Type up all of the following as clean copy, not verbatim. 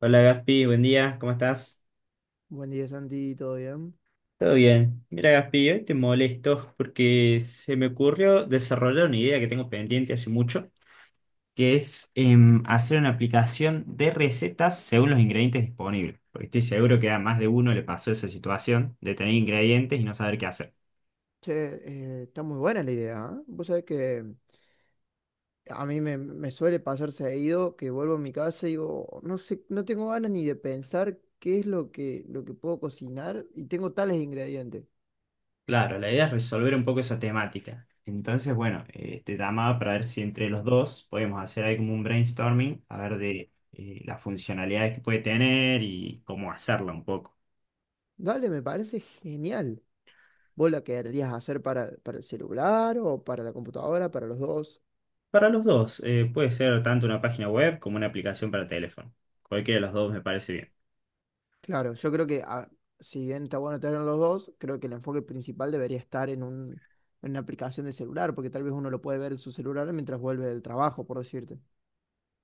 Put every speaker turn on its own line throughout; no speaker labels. Hola Gaspi, buen día, ¿cómo estás?
Buen día, Santi, ¿todo bien?
Todo bien. Mira Gaspi, hoy te molesto porque se me ocurrió desarrollar una idea que tengo pendiente hace mucho, que es hacer una aplicación de recetas según los ingredientes disponibles. Porque estoy seguro que a más de uno le pasó esa situación de tener ingredientes y no saber qué hacer.
Che, está muy buena la idea, ¿eh? Vos sabés que a mí me suele pasar seguido que vuelvo a mi casa y digo, no sé, no tengo ganas ni de pensar qué es lo que puedo cocinar y tengo tales ingredientes.
Claro, la idea es resolver un poco esa temática. Entonces, bueno, te llamaba para ver si entre los dos podemos hacer ahí como un brainstorming, a ver de las funcionalidades que puede tener y cómo hacerla un poco.
Dale, me parece genial. ¿Vos la querrías hacer para el celular o para la computadora, para los dos?
Para los dos, puede ser tanto una página web como una aplicación para teléfono. Cualquiera de los dos me parece bien.
Claro, yo creo que si bien está bueno tener los dos, creo que el enfoque principal debería estar en una aplicación de celular, porque tal vez uno lo puede ver en su celular mientras vuelve del trabajo, por decirte.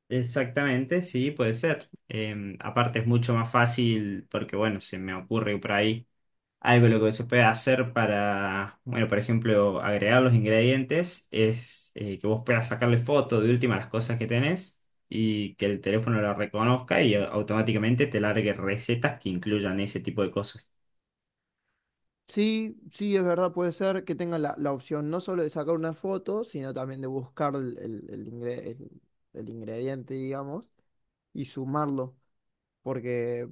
Exactamente, sí, puede ser. Aparte es mucho más fácil porque, bueno, se me ocurre por ahí algo lo que se puede hacer para, bueno, por ejemplo, agregar los ingredientes es que vos puedas sacarle foto de última a las cosas que tenés y que el teléfono lo reconozca y automáticamente te largue recetas que incluyan ese tipo de cosas.
Sí, sí, es verdad, puede ser que tengan la opción no solo de sacar una foto, sino también de buscar el ingrediente, digamos, y sumarlo, porque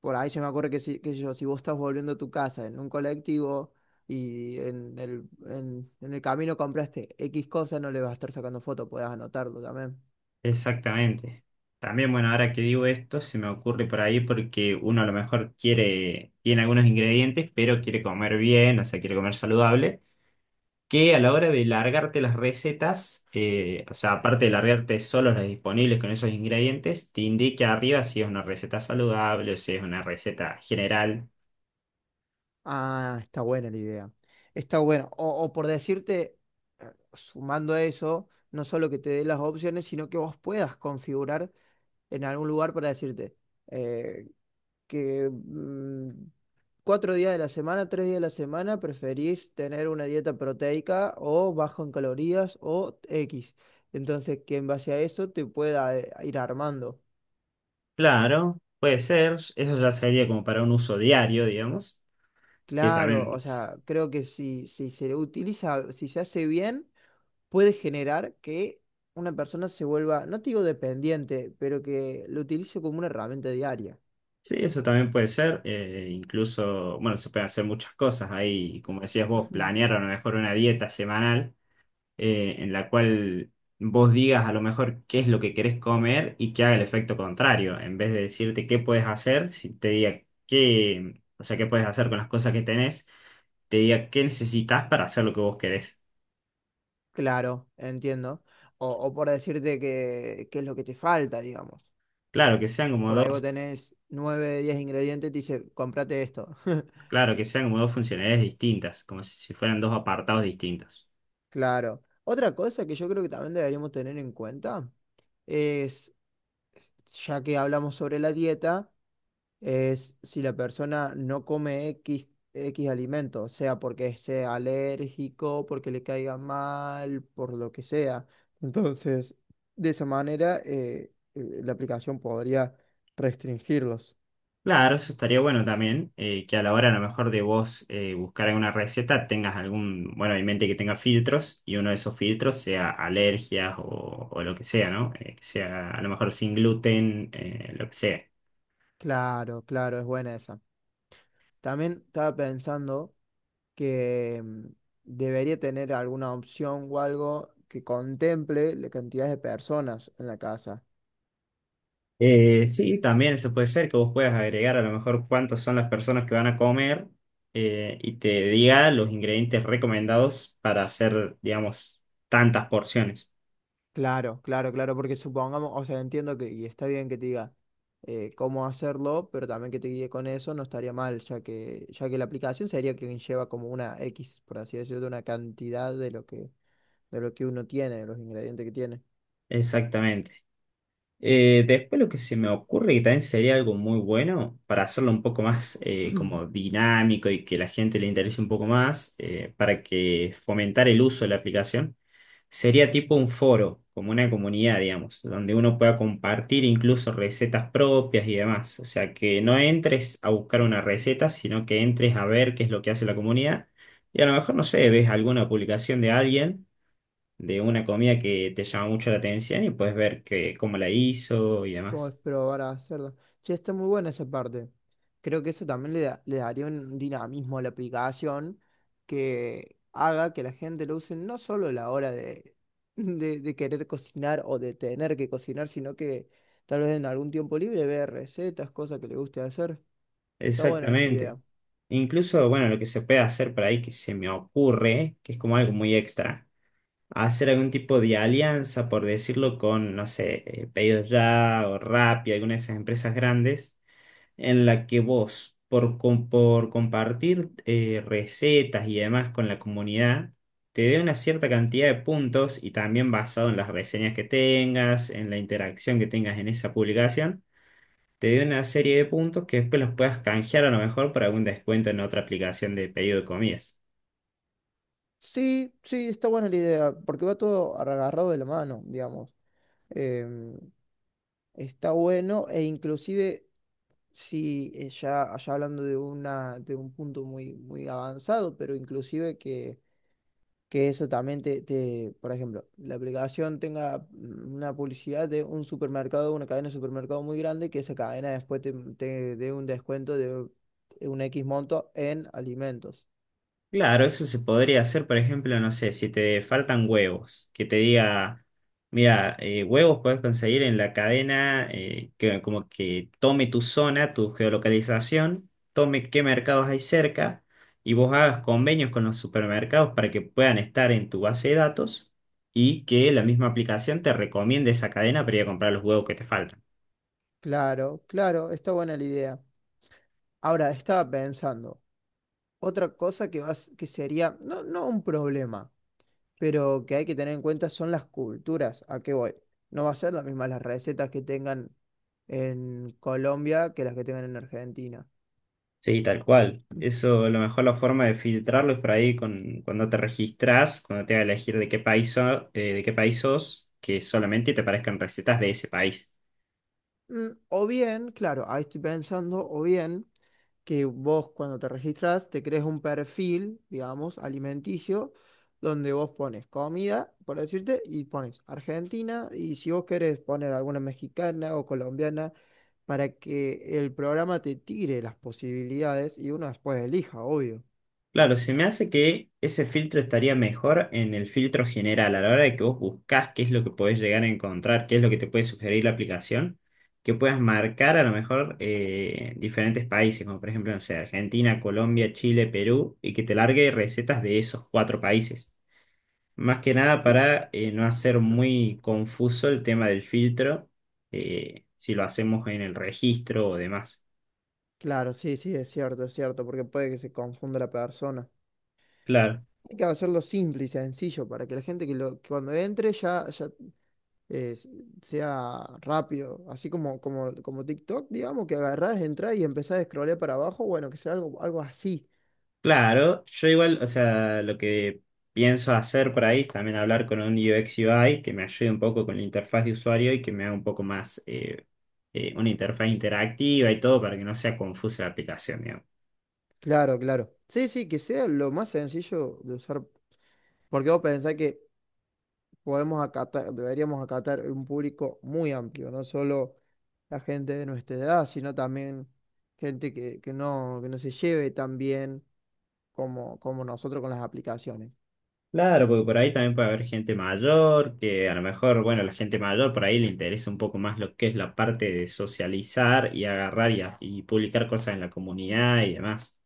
por ahí se me ocurre que yo, si vos estás volviendo a tu casa en un colectivo y en el camino compraste X cosa, no le vas a estar sacando foto, podés anotarlo también.
Exactamente. También, bueno, ahora que digo esto, se me ocurre por ahí porque uno a lo mejor quiere, tiene algunos ingredientes, pero quiere comer bien, o sea, quiere comer saludable, que a la hora de largarte las recetas, o sea, aparte de largarte solo las disponibles con esos ingredientes, te indique arriba si es una receta saludable o si es una receta general.
Ah, está buena la idea. Está bueno. O por decirte, sumando a eso, no solo que te dé las opciones, sino que vos puedas configurar en algún lugar para decirte eh, que mm, 4 días de la semana, 3 días de la semana, preferís tener una dieta proteica o bajo en calorías o X. Entonces, que en base a eso te pueda ir armando.
Claro, puede ser, eso ya sería como para un uso diario, digamos, que
Claro,
también.
o sea, creo que si, si se utiliza, si se hace bien, puede generar que una persona se vuelva, no te digo dependiente, pero que lo utilice como una herramienta diaria.
Sí, eso también puede ser. Incluso, bueno, se pueden hacer muchas cosas ahí. Como decías vos, planear a lo mejor una dieta semanal en la cual vos digas a lo mejor qué es lo que querés comer y que haga el efecto contrario. En vez de decirte qué puedes hacer, si te diga qué, o sea, qué puedes hacer con las cosas que tenés, te diga qué necesitas para hacer lo que vos querés.
Claro, entiendo. O por decirte que es lo que te falta, digamos.
Claro, que sean como
Por ahí vos
dos,
tenés 9 10 ingredientes y te dice, cómprate esto.
claro, que sean como dos funcionalidades distintas, como si fueran dos apartados distintos.
Claro. Otra cosa que yo creo que también deberíamos tener en cuenta es, ya que hablamos sobre la dieta, es si la persona no come X alimento, sea porque sea alérgico, porque le caiga mal, por lo que sea. Entonces, de esa manera, la aplicación podría restringirlos.
Claro, eso estaría bueno también, que a la hora a lo mejor de vos buscar alguna receta tengas algún, bueno, en mente que tenga filtros y uno de esos filtros sea alergias o lo que sea, ¿no? Que sea a lo mejor sin gluten, lo que sea.
Claro, claro, es buena esa. También estaba pensando que debería tener alguna opción o algo que contemple la cantidad de personas en la casa.
Sí, también eso puede ser que vos puedas agregar a lo mejor cuántas son las personas que van a comer y te diga los ingredientes recomendados para hacer, digamos, tantas porciones.
Claro, claro, claro, porque supongamos, o sea, entiendo que, y está bien que te diga cómo hacerlo, pero también que te guíe con eso no estaría mal, ya que la aplicación sería quien lleva como una X, por así decirlo, una cantidad de lo que, uno tiene, de los ingredientes que tiene.
Exactamente. Después lo que se me ocurre que también sería algo muy bueno para hacerlo un poco más como dinámico y que la gente le interese un poco más para que fomentar el uso de la aplicación sería tipo un foro, como una comunidad, digamos, donde uno pueda compartir incluso recetas propias y demás. O sea, que no entres a buscar una receta, sino que entres a ver qué es lo que hace la comunidad y a lo mejor, no sé, ves alguna publicación de alguien de una comida que te llama mucho la atención y puedes ver que, cómo la hizo y
Vamos
demás.
probar a hacerlo. Che, está muy buena esa parte. Creo que eso también le daría un dinamismo a la aplicación que haga que la gente lo use no solo a la hora de, de querer cocinar o de tener que cocinar, sino que tal vez en algún tiempo libre vea recetas, cosas que le guste hacer. Está buena esa
Exactamente.
idea.
Incluso, bueno, lo que se puede hacer por ahí que se me ocurre, que es como algo muy extra, hacer algún tipo de alianza, por decirlo, con, no sé, Pedidos Ya o Rappi, alguna de esas empresas grandes en la que vos, por compartir recetas y demás con la comunidad, te dé una cierta cantidad de puntos y también basado en las reseñas que tengas, en la interacción que tengas en esa publicación, te dé una serie de puntos que después los puedas canjear a lo mejor para algún descuento en otra aplicación de pedido de comidas.
Sí, sí, está buena la idea, porque va todo agarrado de la mano, digamos. Em, Está bueno e inclusive, sí, ya hablando de un punto muy, muy avanzado, pero inclusive que eso también te, por ejemplo, la aplicación tenga una publicidad de un supermercado, una cadena de supermercado muy grande, que esa cadena después te dé un descuento de un X monto en alimentos.
Claro, eso se podría hacer, por ejemplo, no sé, si te faltan huevos, que te diga, mira, huevos puedes conseguir en la cadena que como que tome tu zona, tu geolocalización, tome qué mercados hay cerca y vos hagas convenios con los supermercados para que puedan estar en tu base de datos y que la misma aplicación te recomiende esa cadena para ir a comprar los huevos que te faltan.
Claro, claro, está buena la idea. Ahora, estaba pensando, otra cosa que sería, no, no un problema, pero que hay que tener en cuenta son las culturas. ¿A qué voy? No va a ser las mismas las recetas que tengan en Colombia que las que tengan en Argentina.
Sí, tal cual. Eso, a lo mejor la forma de filtrarlo es por ahí con, cuando te registras, cuando te va a elegir de qué país, de qué país sos, que solamente te aparezcan recetas de ese país.
O bien, claro, ahí estoy pensando, o bien. Que vos cuando te registras te crees un perfil, digamos, alimenticio, donde vos pones comida, por decirte, y pones Argentina, y si vos querés poner alguna mexicana o colombiana, para que el programa te tire las posibilidades y uno después elija, obvio.
Claro, se me hace que ese filtro estaría mejor en el filtro general, a la hora de que vos buscas qué es lo que podés llegar a encontrar, qué es lo que te puede sugerir la aplicación, que puedas marcar a lo mejor diferentes países, como por ejemplo, no sé, Argentina, Colombia, Chile, Perú, y que te largue recetas de esos cuatro países. Más que nada
Cl-
para no hacer muy confuso el tema del filtro, si lo hacemos en el registro o demás.
Claro, sí, sí, es cierto, porque puede que se confunda la persona.
Claro,
Hay que hacerlo simple y sencillo para que la gente que cuando entre ya, eh, sea rápido, así como TikTok, digamos, que agarrás, entrás y empezás a scrollear para abajo, bueno, que sea algo así.
claro, yo igual, o sea, lo que pienso hacer por ahí es también hablar con un UX UI que me ayude un poco con la interfaz de usuario y que me haga un poco más una interfaz interactiva y todo para que no sea confusa la aplicación.
Claro, claro. Sí, sí, que sea lo más sencillo de usar, porque vos pensás que podemos acatar, deberíamos acatar un público muy amplio, no solo la gente de nuestra edad, sino también gente que no se lleve tan bien como nosotros con las aplicaciones.
Claro, porque por ahí también puede haber gente mayor, que a lo mejor, bueno, la gente mayor por ahí le interesa un poco más lo que es la parte de socializar y agarrar y, y publicar cosas en la comunidad y demás.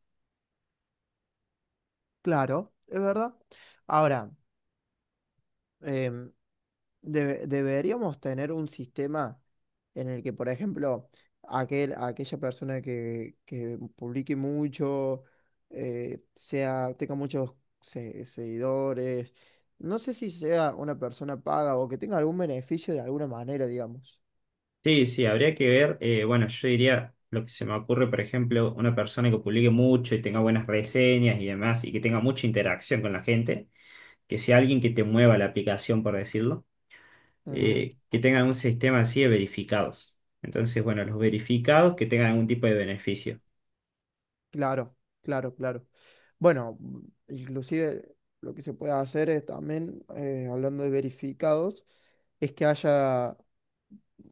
Claro, es verdad. Ahora, em, deberíamos tener un sistema en el que, por ejemplo, aquella persona que publique mucho, tenga muchos seguidores, no sé si sea una persona paga o que tenga algún beneficio de alguna manera, digamos.
Sí, sí, habría que ver, bueno, yo diría, lo que se me ocurre, por ejemplo, una persona que publique mucho y tenga buenas reseñas y demás, y que tenga mucha interacción con la gente, que sea alguien que te mueva la aplicación, por decirlo,
Ujú.
que tenga un sistema así de verificados. Entonces, bueno, los verificados que tengan algún tipo de beneficio.
Claro, claro, claro. Bueno, inclusive lo que se puede hacer es también, hablando de verificados, es que haya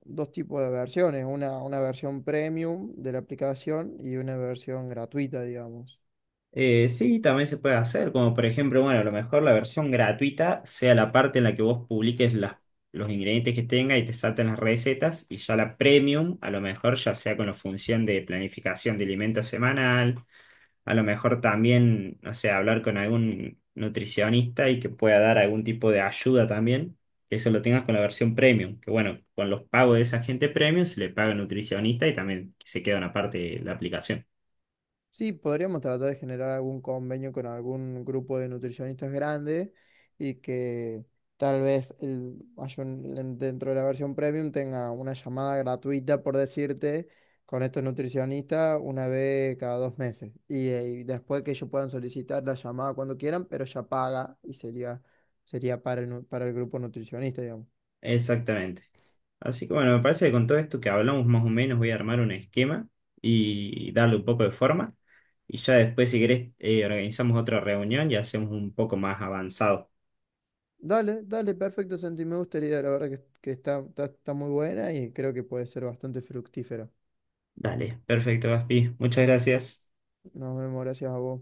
dos tipos de versiones, una versión premium de la aplicación y una versión gratuita, digamos.
Sí, también se puede hacer, como por ejemplo, bueno, a lo mejor la versión gratuita sea la parte en la que vos publiques los ingredientes que tenga y te salten las recetas, y ya la premium, a lo mejor ya sea con la función de planificación de alimento semanal, a lo mejor también, no sé, hablar con algún nutricionista y que pueda dar algún tipo de ayuda también, que eso lo tengas con la versión premium, que bueno, con los pagos de esa gente premium se le paga al nutricionista y también se queda una parte de la aplicación.
Sí, podríamos tratar de generar algún convenio con algún grupo de nutricionistas grande y que tal vez dentro de la versión premium tenga una llamada gratuita, por decirte, con estos nutricionistas una vez cada 2 meses. Y después que ellos puedan solicitar la llamada cuando quieran, pero ya paga y sería para para el grupo nutricionista, digamos.
Exactamente. Así que bueno, me parece que con todo esto que hablamos más o menos voy a armar un esquema y darle un poco de forma. Y ya después, si querés, organizamos otra reunión y hacemos un poco más avanzado.
Dale, dale, perfecto, Santi. Me gustaría, la verdad que está muy buena y creo que puede ser bastante fructífera.
Dale, perfecto, Gaspi. Muchas gracias.
Nos vemos, gracias a vos.